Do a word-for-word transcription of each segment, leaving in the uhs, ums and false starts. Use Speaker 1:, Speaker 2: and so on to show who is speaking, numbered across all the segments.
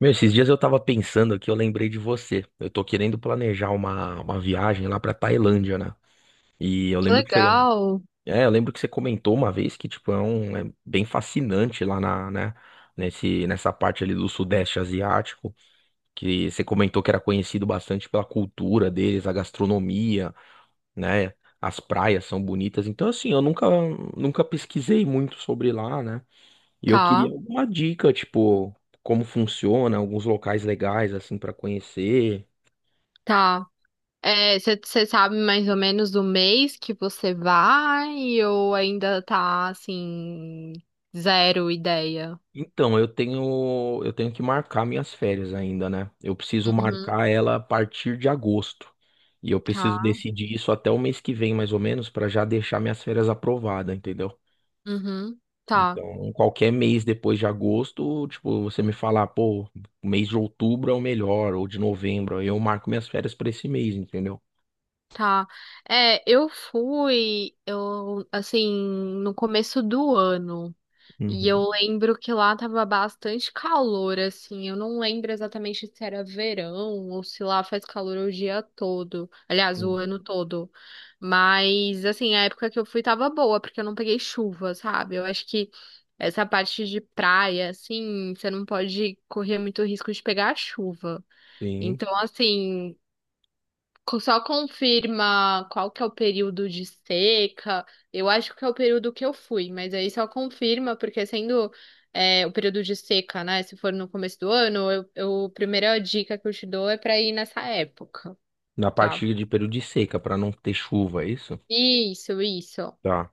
Speaker 1: Meu, esses dias eu tava pensando aqui, eu lembrei de você. Eu tô querendo planejar uma, uma viagem lá pra Tailândia, né? E eu lembro que você,
Speaker 2: Legal.
Speaker 1: é, eu lembro que você comentou uma vez que, tipo, é, um, é bem fascinante lá na, né, nesse, nessa parte ali do Sudeste Asiático, que você comentou que era conhecido bastante pela cultura deles, a gastronomia, né? As praias são bonitas. Então, assim, eu nunca, nunca pesquisei muito sobre lá, né? E eu
Speaker 2: Tá,
Speaker 1: queria alguma dica, tipo, como funciona, alguns locais legais assim pra conhecer.
Speaker 2: tá. É, você sabe mais ou menos o mês que você vai ou ainda tá assim, zero ideia?
Speaker 1: Então, eu tenho eu tenho que marcar minhas férias ainda, né? Eu preciso
Speaker 2: Uhum,
Speaker 1: marcar ela a partir de agosto. E eu
Speaker 2: tá,
Speaker 1: preciso decidir isso até o mês que vem, mais ou menos, pra já deixar minhas férias aprovadas, entendeu?
Speaker 2: uhum, tá,
Speaker 1: Então, qualquer mês depois de agosto, tipo, você me falar, pô, o mês de outubro é o melhor, ou de novembro, aí eu marco minhas férias pra esse mês, entendeu?
Speaker 2: tá. É, eu fui, eu, assim, no começo do ano. E
Speaker 1: Uhum.
Speaker 2: eu lembro que lá tava bastante calor, assim. Eu não lembro exatamente se era verão ou se lá faz calor o dia todo. Aliás, o ano todo. Mas, assim, a época que eu fui tava boa, porque eu não peguei chuva, sabe? Eu acho que essa parte de praia, assim, você não pode correr muito risco de pegar chuva.
Speaker 1: Sim.
Speaker 2: Então, assim, co- só confirma qual que é o período de seca. Eu acho que é o período que eu fui, mas aí só confirma, porque sendo é, o período de seca, né? Se for no começo do ano, eu, eu- a primeira dica que eu te dou é pra ir nessa época,
Speaker 1: Na
Speaker 2: tá?
Speaker 1: parte de período de seca, pra não ter chuva, é isso?
Speaker 2: Isso, isso.
Speaker 1: Tá.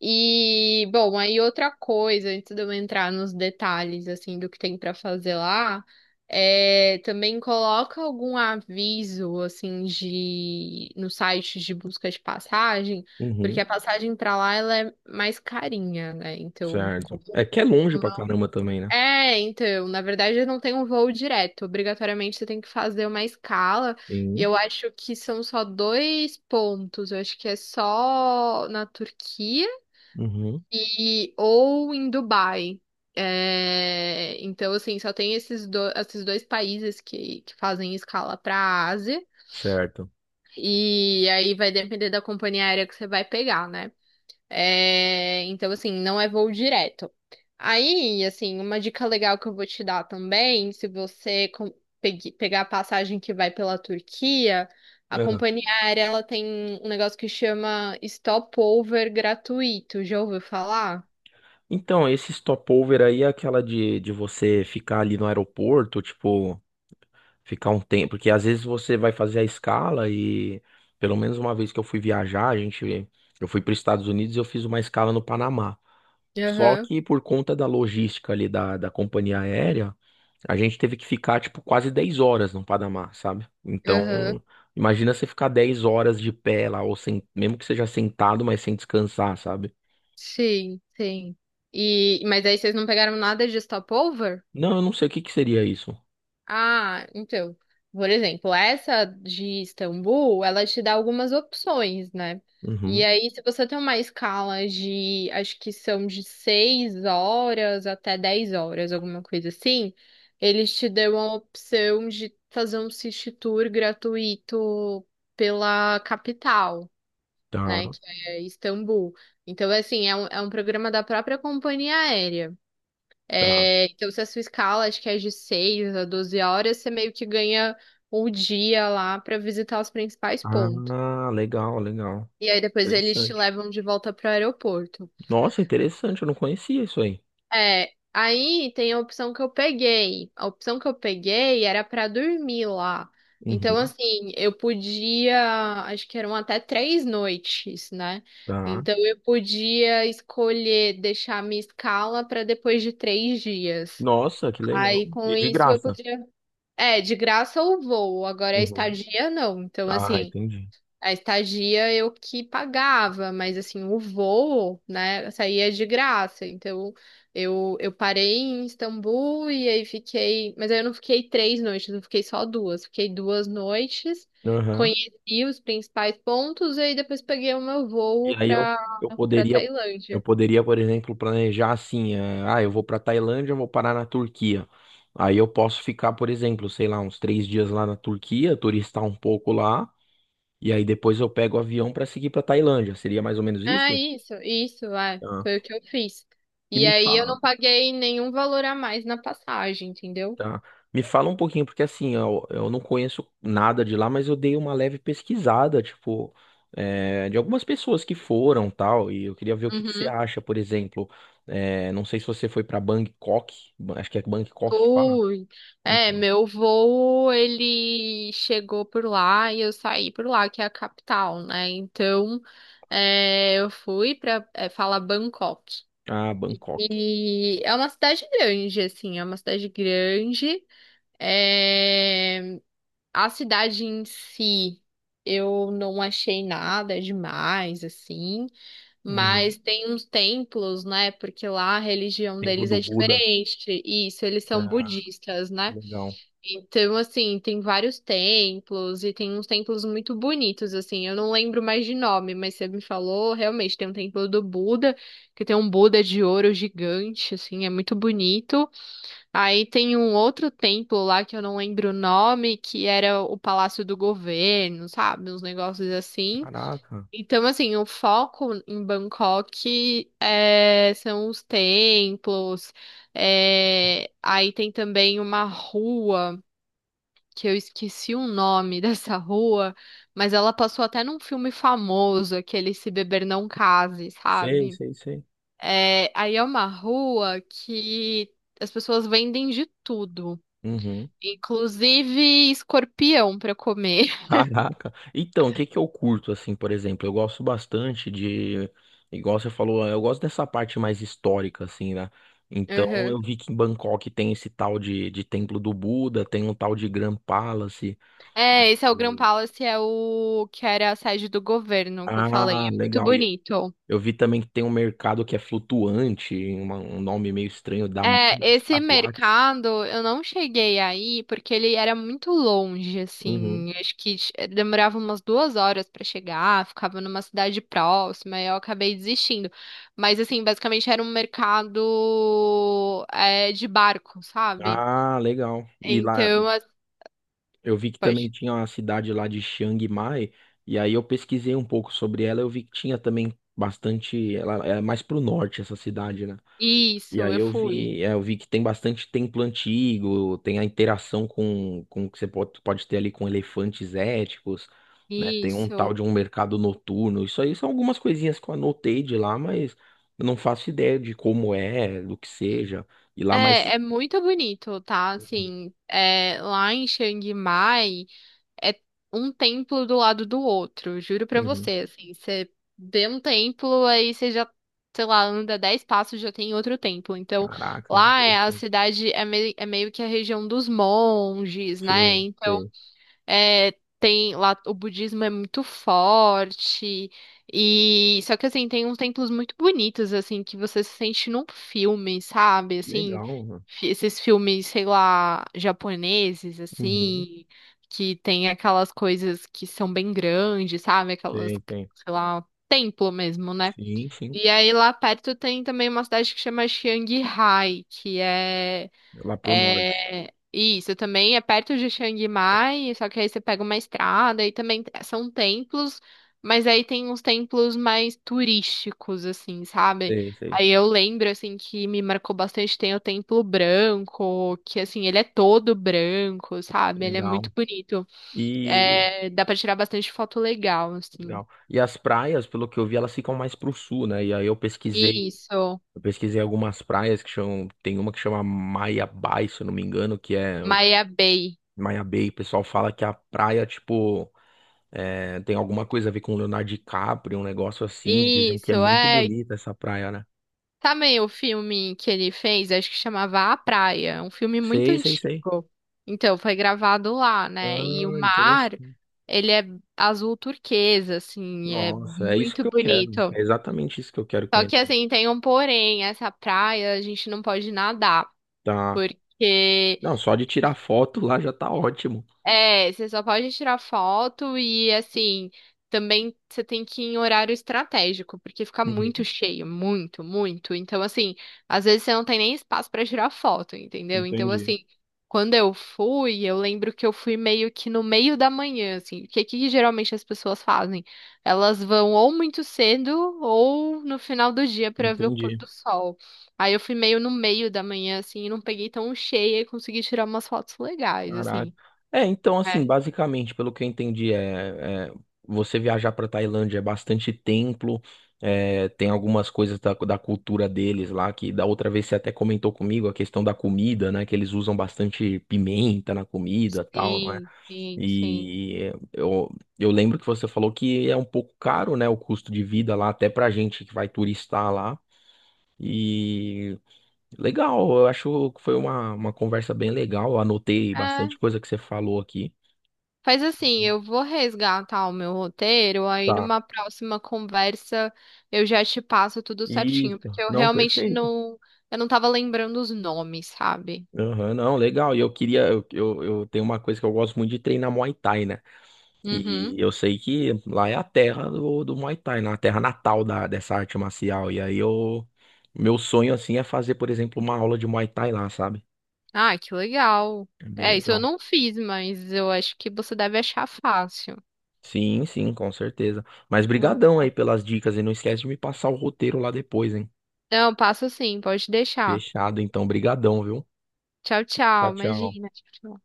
Speaker 2: E, bom, aí outra coisa, antes de eu entrar nos detalhes, assim, do que tem pra fazer lá, é, também coloca algum aviso, assim, de, no site de busca de passagem, porque
Speaker 1: Uhum.
Speaker 2: a passagem pra lá, ela é mais carinha, né? Então, como-
Speaker 1: Certo. É que é longe pra caramba também, né?
Speaker 2: é, então, na verdade eu não tem um voo direto. Obrigatoriamente você tem que fazer uma escala. E
Speaker 1: Sim.
Speaker 2: eu acho que são só dois pontos. Eu acho que é só na Turquia
Speaker 1: Uhum.
Speaker 2: e, ou em Dubai. É, então, assim, só tem esses, do- esses dois países que, que fazem escala para a Ásia.
Speaker 1: Certo.
Speaker 2: E aí vai depender da companhia aérea que você vai pegar, né? É, então, assim, não é voo direto. Aí, assim, uma dica legal que eu vou te dar também, se você com- pegue- pegar a passagem que vai pela Turquia, a
Speaker 1: É.
Speaker 2: companhia aérea ela tem um negócio que chama stopover gratuito. Já ouviu falar?
Speaker 1: Então, esse stopover aí é aquela de, de você ficar ali no aeroporto, tipo, ficar um tempo, porque às vezes você vai fazer a escala e pelo menos uma vez que eu fui viajar, a gente, eu fui para os Estados Unidos e eu fiz uma escala no Panamá. Só
Speaker 2: Aham.
Speaker 1: que por conta da logística ali da, da companhia aérea, a gente teve que ficar, tipo, quase dez horas no Panamá, sabe?
Speaker 2: Aham.
Speaker 1: Então, imagina você ficar dez horas de pé lá, ou sem, mesmo que seja sentado, mas sem descansar, sabe?
Speaker 2: Sim, sim. E, mas aí vocês não pegaram nada de stopover?
Speaker 1: Não, eu não sei o que que seria isso.
Speaker 2: Ah, então. Por exemplo, essa de Istambul, ela te dá algumas opções, né? E
Speaker 1: Uhum.
Speaker 2: aí, se você tem uma escala de, acho que são de seis horas até dez horas, alguma coisa assim, eles te dão a opção de fazer um city tour gratuito pela capital. Né?
Speaker 1: Tá,
Speaker 2: Que é Istambul. Então, assim, é um, é um programa da própria companhia aérea.
Speaker 1: tá.
Speaker 2: É, então, se a sua escala, acho que é de seis a doze horas, você meio que ganha o dia lá para visitar os principais pontos.
Speaker 1: Ah, legal, legal.
Speaker 2: E aí depois eles te
Speaker 1: Interessante.
Speaker 2: levam de volta para o aeroporto.
Speaker 1: Nossa, interessante, eu não conhecia isso aí.
Speaker 2: É, aí tem a opção que eu peguei. A opção que eu peguei era pra dormir lá. Então,
Speaker 1: Uhum,
Speaker 2: assim, eu podia, acho que eram até três noites, né?
Speaker 1: tá.
Speaker 2: Então, eu podia escolher deixar a minha escala pra depois de três dias.
Speaker 1: Nossa, que legal.
Speaker 2: Aí, com
Speaker 1: E de
Speaker 2: isso, eu
Speaker 1: graça.
Speaker 2: podia. É, de graça ou voo, agora a
Speaker 1: Uhum.
Speaker 2: estadia não. Então,
Speaker 1: Ah,
Speaker 2: assim,
Speaker 1: entendi.
Speaker 2: a estadia eu que pagava, mas assim, o voo, né, saía de graça. Então, eu, eu parei em Istambul e aí fiquei. Mas aí eu não fiquei três noites, eu fiquei só duas. Fiquei duas noites,
Speaker 1: Aham.
Speaker 2: conheci os principais pontos e aí depois peguei o meu
Speaker 1: E
Speaker 2: voo
Speaker 1: aí eu,
Speaker 2: pra,
Speaker 1: eu
Speaker 2: pra
Speaker 1: poderia, Eu
Speaker 2: Tailândia.
Speaker 1: poderia, por exemplo, planejar assim, eh, ah, eu vou para Tailândia, eu vou parar na Turquia. Aí eu posso ficar, por exemplo, sei lá, uns três dias lá na Turquia, turistar um pouco lá, e aí depois eu pego o avião para seguir para Tailândia. Seria mais ou menos
Speaker 2: Ah,
Speaker 1: isso?
Speaker 2: isso, isso, é, foi
Speaker 1: Tá.
Speaker 2: o que eu fiz.
Speaker 1: E
Speaker 2: E
Speaker 1: me
Speaker 2: aí eu
Speaker 1: fala.
Speaker 2: não paguei nenhum valor a mais na passagem, entendeu?
Speaker 1: Tá. Me fala um pouquinho, porque assim, eu, eu não conheço nada de lá, mas eu dei uma leve pesquisada, tipo, é, de algumas pessoas que foram tal, e eu queria ver o que que você
Speaker 2: Uhum.
Speaker 1: acha, por exemplo. É, não sei se você foi pra Bangkok, Ba- acho que é Bangkok que fala.
Speaker 2: Fui, é,
Speaker 1: Então.
Speaker 2: meu voo, ele chegou por lá e eu saí por lá, que é a capital, né? Então, é, eu fui pra, é, falar Bangkok.
Speaker 1: Ah, Bangkok.
Speaker 2: E é uma cidade grande, assim, é uma cidade grande. É, a cidade em si, eu não achei nada demais, assim,
Speaker 1: Uhum.
Speaker 2: mas tem uns templos, né? Porque lá a religião
Speaker 1: Templo
Speaker 2: deles
Speaker 1: do
Speaker 2: é
Speaker 1: Buda.
Speaker 2: diferente. Isso, eles são
Speaker 1: Ah,
Speaker 2: budistas, né?
Speaker 1: legal.
Speaker 2: Então, assim, tem vários templos e tem uns templos muito bonitos, assim. Eu não lembro mais de nome, mas você me falou, realmente, tem um templo do Buda, que tem um Buda de ouro gigante, assim, é muito bonito. Aí tem um outro templo lá que eu não lembro o nome, que era o Palácio do Governo, sabe? Uns negócios assim.
Speaker 1: Caraca.
Speaker 2: Então, assim, o foco em Bangkok é, são os templos. É, aí tem também uma rua que eu esqueci o nome dessa rua, mas ela passou até num filme famoso, aquele Se Beber Não Case,
Speaker 1: Sei,
Speaker 2: sabe?
Speaker 1: sei, sei.
Speaker 2: É, aí é uma rua que as pessoas vendem de tudo, inclusive escorpião pra comer.
Speaker 1: Caraca. Então, o que que eu curto, assim, por exemplo? Eu gosto bastante de. Igual você falou, eu gosto dessa parte mais histórica, assim, né? Então,
Speaker 2: Uhum.
Speaker 1: eu vi que em Bangkok tem esse tal de, de Templo do Buda, tem um tal de Grand Palace.
Speaker 2: É, esse é o Grand
Speaker 1: Hum.
Speaker 2: Palace, é o que era a sede do governo que eu falei.
Speaker 1: Ah,
Speaker 2: É muito
Speaker 1: legal. E
Speaker 2: bonito.
Speaker 1: eu vi também que tem um mercado que é flutuante, uma- um nome meio estranho, da
Speaker 2: É, esse
Speaker 1: Estaduarte.
Speaker 2: mercado eu não cheguei aí porque ele era muito longe,
Speaker 1: Uhum.
Speaker 2: assim. Acho que ch- demorava umas duas horas pra chegar, ficava numa cidade próxima e eu acabei desistindo. Mas, assim, basicamente era um mercado é, de barco, sabe?
Speaker 1: Ah, legal. E lá.
Speaker 2: Então, as-
Speaker 1: Eu vi que também
Speaker 2: pode.
Speaker 1: tinha uma cidade lá de Chiang Mai, e aí eu pesquisei um pouco sobre ela, eu vi que tinha também bastante, ela é mais pro norte essa cidade, né? E
Speaker 2: Isso,
Speaker 1: aí
Speaker 2: eu
Speaker 1: eu
Speaker 2: fui.
Speaker 1: vi, é, eu vi que tem bastante templo antigo, tem a interação com, com o que você pode, pode ter ali com elefantes éticos, né? Tem um tal
Speaker 2: Isso.
Speaker 1: de um mercado noturno. Isso aí são algumas coisinhas que eu anotei de lá, mas eu não faço ideia de como é, do que seja. E lá mais.
Speaker 2: É, é muito bonito, tá?
Speaker 1: Uhum,
Speaker 2: Assim, é, lá em Chiang Mai. É um templo do lado do outro, juro pra
Speaker 1: uhum.
Speaker 2: você, assim, você vê um templo, aí você já, sei lá, anda dez passos, já tem outro templo. Então,
Speaker 1: Caraca, que
Speaker 2: lá é a
Speaker 1: interessante.
Speaker 2: cidade é, mei- é meio que a região dos monges,
Speaker 1: Sim,
Speaker 2: né?
Speaker 1: sim.
Speaker 2: É, tem lá o budismo é muito forte e só que assim tem uns templos muito bonitos assim que você se sente num filme, sabe? Assim,
Speaker 1: Legal, mano.
Speaker 2: fi- esses filmes, sei lá, japoneses
Speaker 1: Uhum.
Speaker 2: assim, que tem aquelas coisas que são bem grandes, sabe? Aquelas,
Speaker 1: Sei, sei.
Speaker 2: sei lá, templo mesmo, né?
Speaker 1: Sim, sim.
Speaker 2: E aí lá perto tem também uma cidade que chama Chiang Rai, que é
Speaker 1: É lá pro norte.
Speaker 2: é, isso também é perto de Chiang Mai, só que aí você pega uma estrada e também t- são templos, mas aí tem uns templos mais turísticos, assim, sabe?
Speaker 1: Sei, sei.
Speaker 2: Aí eu lembro, assim, que me marcou bastante, tem o Templo Branco, que, assim, ele é todo branco, sabe? Ele é
Speaker 1: Legal.
Speaker 2: muito bonito.
Speaker 1: E
Speaker 2: É, dá pra tirar bastante foto legal, assim.
Speaker 1: legal. E as praias, pelo que eu vi, elas ficam mais pro sul, né? E aí eu pesquisei,
Speaker 2: Isso,
Speaker 1: eu pesquisei algumas praias que chamam, tem uma que chama Maia Bay, se eu não me engano, que é
Speaker 2: Maya Bay.
Speaker 1: Maia Bay. O pessoal fala que a praia, tipo, é, tem alguma coisa a ver com o Leonardo DiCaprio, um negócio assim. Dizem que é
Speaker 2: Isso,
Speaker 1: muito
Speaker 2: é,
Speaker 1: bonita essa praia, né?
Speaker 2: também o filme que ele fez, acho que chamava A Praia, é um filme muito
Speaker 1: Sei, sei, sei.
Speaker 2: antigo. Então, foi gravado lá, né? E o
Speaker 1: Ah,
Speaker 2: mar, ele é azul turquesa, assim, é
Speaker 1: nossa, é isso
Speaker 2: muito
Speaker 1: que eu quero.
Speaker 2: bonito.
Speaker 1: É exatamente isso que eu quero
Speaker 2: Só que,
Speaker 1: conhecer.
Speaker 2: assim, tem um porém, essa praia a gente não pode nadar,
Speaker 1: Tá.
Speaker 2: porque
Speaker 1: Não, só de tirar foto lá já tá ótimo.
Speaker 2: é, você só pode tirar foto e assim, também você tem que ir em horário estratégico, porque fica muito
Speaker 1: Uhum.
Speaker 2: cheio, muito, muito. Então, assim, às vezes você não tem nem espaço pra tirar foto, entendeu? Então,
Speaker 1: Entendi,
Speaker 2: assim, quando eu fui, eu lembro que eu fui meio que no meio da manhã, assim, porque o que que geralmente as pessoas fazem? Elas vão ou muito cedo ou no final do dia pra ver o pôr
Speaker 1: entendi.
Speaker 2: do sol. Aí eu fui meio no meio da manhã, assim, e não peguei tão cheia e consegui tirar umas fotos legais,
Speaker 1: Caraca.
Speaker 2: assim.
Speaker 1: É, então, assim, basicamente, pelo que eu entendi, é, é, você viajar pra Tailândia é bastante templo, é, tem algumas coisas da, da cultura deles lá, que da outra vez você até comentou comigo a questão da comida, né? Que eles usam bastante pimenta na comida, tal, não é?
Speaker 2: Sim, sim, sim.
Speaker 1: E eu, eu lembro que você falou que é um pouco caro, né, o custo de vida lá, até pra gente que vai turistar lá. E legal, eu acho que foi uma, uma conversa bem legal. Eu anotei
Speaker 2: É,
Speaker 1: bastante coisa que você falou aqui.
Speaker 2: faz assim, eu vou resgatar o meu roteiro, aí
Speaker 1: Tá.
Speaker 2: numa próxima conversa eu já te passo tudo certinho,
Speaker 1: Isso,
Speaker 2: porque eu
Speaker 1: não,
Speaker 2: realmente
Speaker 1: perfeito.
Speaker 2: não, eu não tava lembrando os nomes, sabe?
Speaker 1: Aham, não, legal. E eu queria, eu, eu, eu tenho uma coisa que eu gosto muito de treinar Muay Thai, né? E
Speaker 2: Uhum.
Speaker 1: eu sei que lá é a terra do, do Muay Thai, né? A terra natal da, dessa arte marcial. E aí eu. Meu sonho, assim, é fazer, por exemplo, uma aula de Muay Thai lá, sabe?
Speaker 2: Ah, que legal.
Speaker 1: É bem
Speaker 2: É, isso eu
Speaker 1: legal.
Speaker 2: não fiz, mas eu acho que você deve achar fácil.
Speaker 1: Sim, sim, com certeza. Mas brigadão aí pelas dicas e não esquece de me passar o roteiro lá depois, hein?
Speaker 2: Não, passo sim, pode deixar.
Speaker 1: Fechado, então, brigadão, viu?
Speaker 2: Tchau, tchau,
Speaker 1: Tchau, tchau.
Speaker 2: imagina. Tchau, tchau.